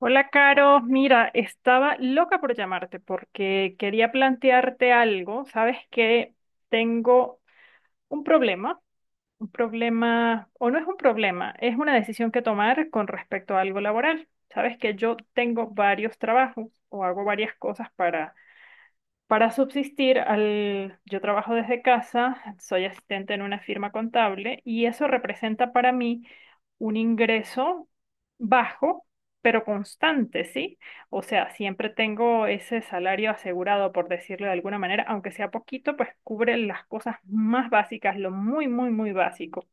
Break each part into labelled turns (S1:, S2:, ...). S1: Hola, Caro. Mira, estaba loca por llamarte porque quería plantearte algo. Sabes que tengo un problema, o no es un problema, es una decisión que tomar con respecto a algo laboral. Sabes que yo tengo varios trabajos o hago varias cosas para subsistir, yo trabajo desde casa, soy asistente en una firma contable y eso representa para mí un ingreso bajo, pero constante, ¿sí? O sea, siempre tengo ese salario asegurado, por decirlo de alguna manera, aunque sea poquito, pues cubre las cosas más básicas, lo muy, muy, muy básico.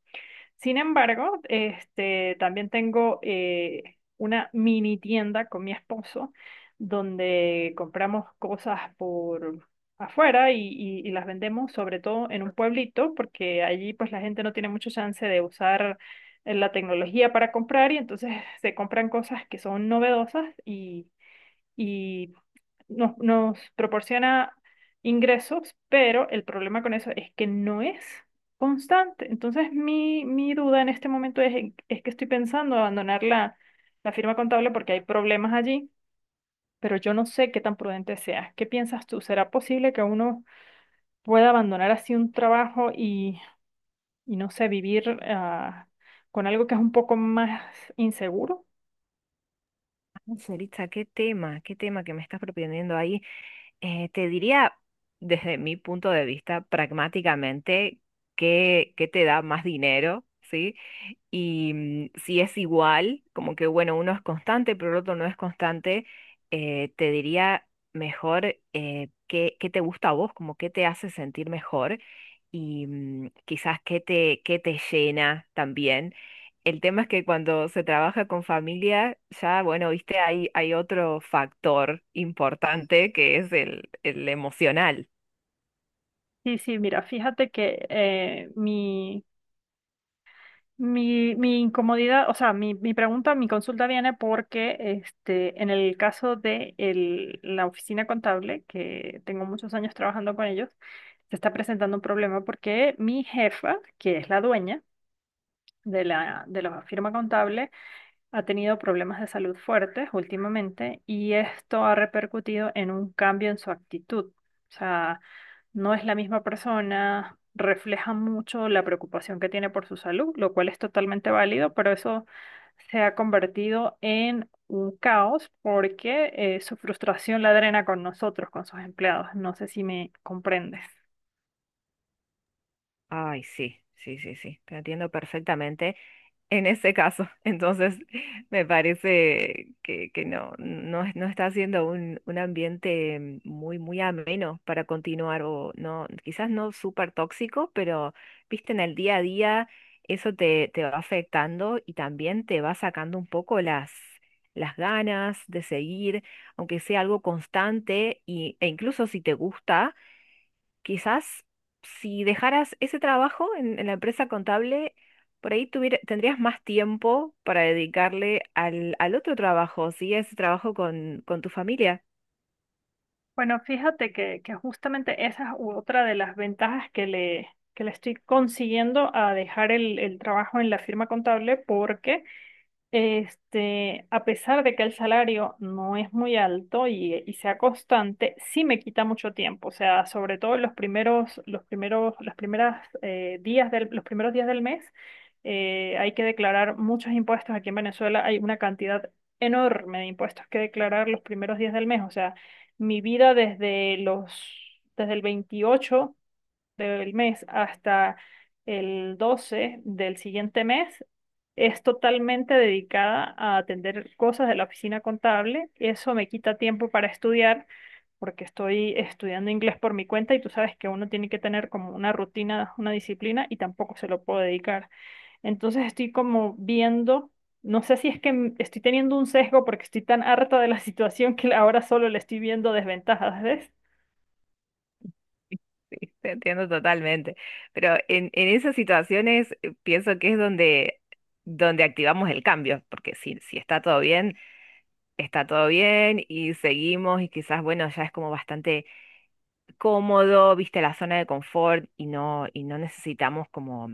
S1: Sin embargo, este, también tengo una mini tienda con mi esposo donde compramos cosas por afuera y las vendemos sobre todo en un pueblito porque allí pues la gente no tiene mucho chance de usar la tecnología para comprar y entonces se compran cosas que son novedosas y nos proporciona ingresos, pero el problema con eso es que no es constante. Entonces, mi duda en este momento es que estoy pensando abandonar la firma contable porque hay problemas allí, pero yo no sé qué tan prudente sea. ¿Qué piensas tú? ¿Será posible que uno pueda abandonar así un trabajo y no sé, vivir con algo que es un poco más inseguro?
S2: Cerita, qué tema que me estás proponiendo ahí. Te diría, desde mi punto de vista, pragmáticamente, qué te da más dinero, ¿sí? Y si es igual, como que bueno, uno es constante, pero el otro no es constante, te diría mejor. Qué te gusta a vos, como qué te hace sentir mejor y quizás qué qué te llena también. El tema es que cuando se trabaja con familia, ya, bueno, viste, hay otro factor importante que es el emocional.
S1: Sí, sí, mira, fíjate que mi incomodidad, o sea, mi pregunta, mi, consulta viene porque este, en el caso de la oficina contable, que tengo muchos años trabajando con ellos, se está presentando un problema porque mi jefa, que es la dueña de la firma contable, ha tenido problemas de salud fuertes últimamente y esto ha repercutido en un cambio en su actitud. O sea, no es la misma persona, refleja mucho la preocupación que tiene por su salud, lo cual es totalmente válido, pero eso se ha convertido en un caos porque su frustración la drena con nosotros, con sus empleados. No sé si me comprendes.
S2: Ay, sí, sí, sí, sí, te entiendo perfectamente. En ese caso. Entonces, me parece que no, no, no está siendo un ambiente muy ameno para continuar, o no, quizás no súper tóxico, pero viste, en el día a día eso te va afectando y también te va sacando un poco las ganas de seguir, aunque sea algo constante, e incluso si te gusta quizás, si dejaras ese trabajo en la empresa contable, por ahí tendrías más tiempo para dedicarle al otro trabajo, sí, a ese trabajo con tu familia.
S1: Bueno, fíjate que justamente esa es otra de las ventajas que le estoy consiguiendo a dejar el trabajo en la firma contable porque este, a pesar de que el salario no es muy alto y sea constante, sí me quita mucho tiempo. O sea, sobre todo en las primeras días del, los primeros días del mes, hay que declarar muchos impuestos. Aquí en Venezuela hay una cantidad enorme de impuestos que declarar los primeros días del mes. O sea, mi vida desde el 28 del mes hasta el 12 del siguiente mes es totalmente dedicada a atender cosas de la oficina contable. Eso me quita tiempo para estudiar porque estoy estudiando inglés por mi cuenta y tú sabes que uno tiene que tener como una rutina, una disciplina y tampoco se lo puedo dedicar. Entonces estoy como viendo, no sé si es que estoy teniendo un sesgo porque estoy tan harta de la situación que ahora solo le estoy viendo desventajas, ¿ves?
S2: Sí, te entiendo totalmente. Pero en esas situaciones pienso que es donde, donde activamos el cambio, porque si está todo bien, está todo bien y seguimos y quizás, bueno, ya es como bastante cómodo, viste, la zona de confort y no necesitamos como...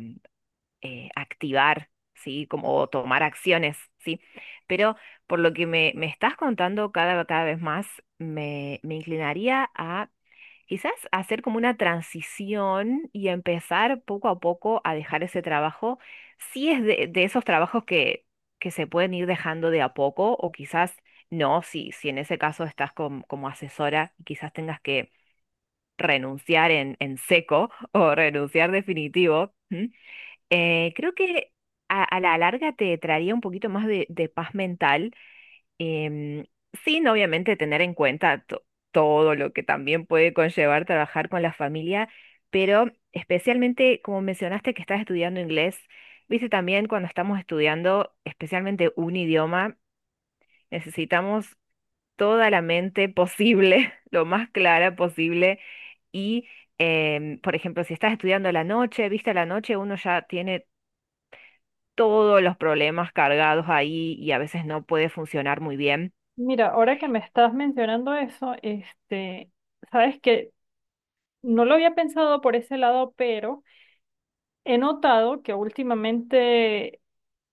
S2: activar, ¿sí? Como tomar acciones, ¿sí? Pero por lo que me estás contando cada vez más, me inclinaría a quizás hacer como una transición y empezar poco a poco a dejar ese trabajo, si es de esos trabajos que se pueden ir dejando de a poco o quizás no, si, si en ese caso estás como asesora y quizás tengas que renunciar en seco o renunciar definitivo. ¿M? Creo que a la larga te traería un poquito más de paz mental, em, sin obviamente tener en cuenta todo lo que también puede conllevar trabajar con la familia, pero especialmente como mencionaste que estás estudiando inglés, viste también cuando estamos estudiando especialmente un idioma, necesitamos toda la mente posible, lo más clara posible. Y, por ejemplo, si estás estudiando a la noche, viste, a la noche uno ya tiene todos los problemas cargados ahí y a veces no puede funcionar muy bien.
S1: Mira, ahora que me estás mencionando eso, este, sabes que no lo había pensado por ese lado, pero he notado que últimamente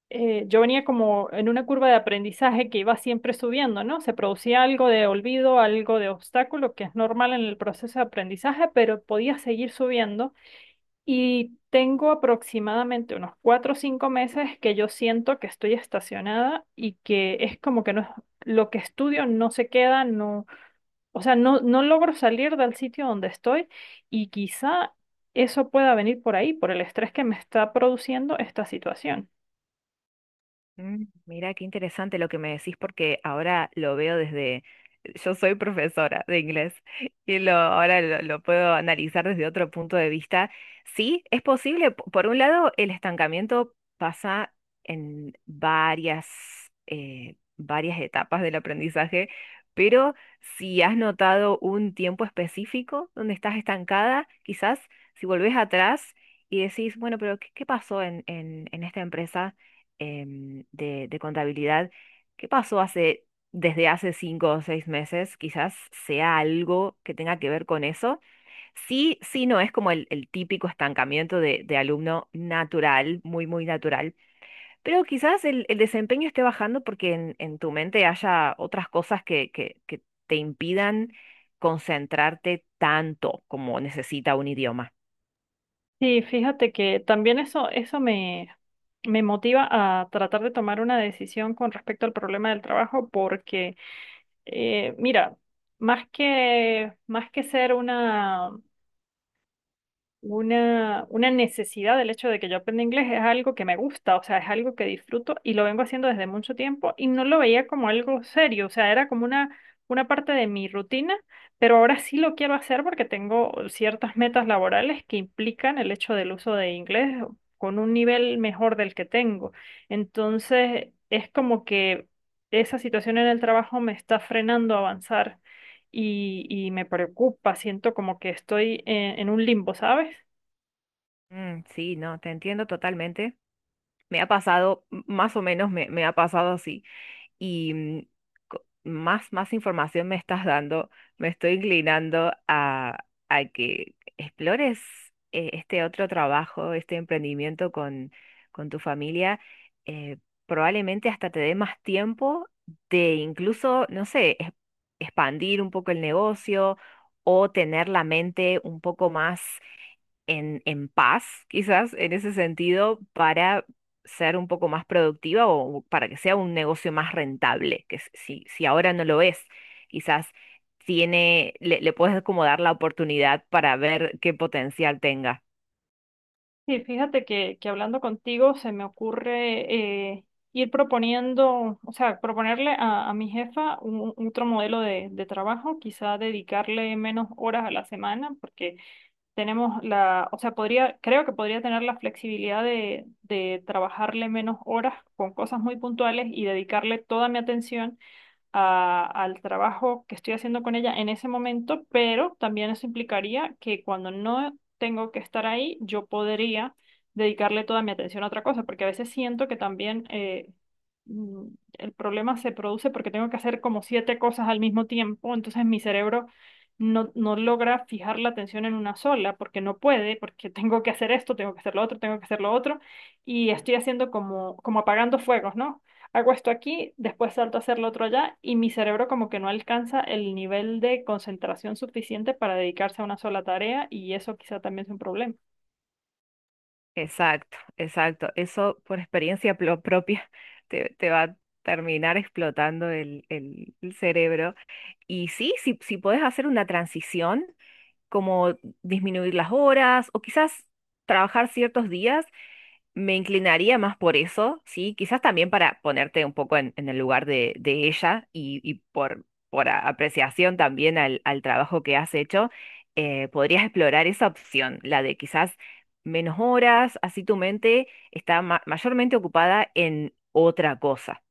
S1: yo venía como en una curva de aprendizaje que iba siempre subiendo, ¿no? Se producía algo de olvido, algo de obstáculo, que es normal en el proceso de aprendizaje, pero podía seguir subiendo. Y tengo aproximadamente unos 4 o 5 meses que yo siento que estoy estacionada y que es como que no, lo que estudio no se queda, no, o sea, no logro salir del sitio donde estoy y quizá eso pueda venir por ahí, por el estrés que me está produciendo esta situación.
S2: Mira, qué interesante lo que me decís porque ahora lo veo desde, yo soy profesora de inglés y lo, ahora lo puedo analizar desde otro punto de vista. Sí, es posible. Por un lado, el estancamiento pasa en varias, varias etapas del aprendizaje, pero si has notado un tiempo específico donde estás estancada, quizás si volvés atrás y decís, bueno, pero ¿qué, qué pasó en, en esta empresa? De contabilidad, ¿qué pasó hace, desde hace cinco o seis meses? Quizás sea algo que tenga que ver con eso. Sí, sí, no es como el típico estancamiento de alumno natural, muy, muy natural, pero quizás el desempeño esté bajando porque en tu mente haya otras cosas que te impidan concentrarte tanto como necesita un idioma.
S1: Sí, fíjate que también eso me motiva a tratar de tomar una decisión con respecto al problema del trabajo porque mira, más que ser una necesidad del hecho de que yo aprenda inglés, es algo que me gusta, o sea, es algo que disfruto y lo vengo haciendo desde mucho tiempo y no lo veía como algo serio, o sea, era como una parte de mi rutina, pero ahora sí lo quiero hacer porque tengo ciertas metas laborales que implican el hecho del uso de inglés con un nivel mejor del que tengo. Entonces, es como que esa situación en el trabajo me está frenando a avanzar y me preocupa, siento como que estoy en un limbo, ¿sabes?
S2: Sí, no, te entiendo totalmente. Me ha pasado, más o menos me ha pasado así. Y más, más información me estás dando, me estoy inclinando a que explores este otro trabajo, este emprendimiento con tu familia. eh, Probablemente hasta te dé más tiempo de incluso, no sé, expandir un poco el negocio o tener la mente un poco más en paz, quizás, en ese sentido, para ser un poco más productiva o para que sea un negocio más rentable, que si, si ahora no lo es, quizás le puedes como dar la oportunidad para ver qué potencial tenga.
S1: Sí, fíjate que hablando contigo se me ocurre ir proponiendo, o sea, proponerle a mi jefa un otro modelo de trabajo, quizá dedicarle menos horas a la semana, porque o sea, podría, creo que podría tener la flexibilidad de trabajarle menos horas con cosas muy puntuales y dedicarle toda mi atención al trabajo que estoy haciendo con ella en ese momento, pero también eso implicaría que cuando no tengo que estar ahí, yo podría dedicarle toda mi atención a otra cosa, porque a veces siento que también mm, el problema se produce porque tengo que hacer como siete cosas al mismo tiempo, entonces mi cerebro no logra fijar la atención en una sola, porque no puede, porque tengo que hacer esto, tengo que hacer lo otro, tengo que hacer lo otro, y estoy haciendo como, como apagando fuegos, ¿no? Hago esto aquí, después salto a hacer lo otro allá y mi cerebro como que no alcanza el nivel de concentración suficiente para dedicarse a una sola tarea y eso quizá también es un problema.
S2: Exacto, exacto. Eso por experiencia propia te va a terminar explotando el cerebro. Y sí, si, si puedes hacer una transición como disminuir las horas o quizás trabajar ciertos días, me inclinaría más por eso, ¿sí? Quizás también para ponerte un poco en el lugar de ella y por apreciación también al trabajo que has hecho, podrías explorar esa opción, la de quizás menos horas, así tu mente está mayormente ocupada en otra cosa.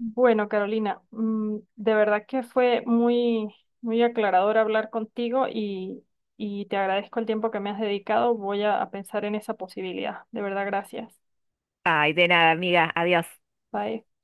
S1: Bueno, Carolina, de verdad que fue muy, muy aclarador hablar contigo y te agradezco el tiempo que me has dedicado. Voy a pensar en esa posibilidad. De verdad, gracias.
S2: Ay, de nada, amiga, adiós.
S1: Bye.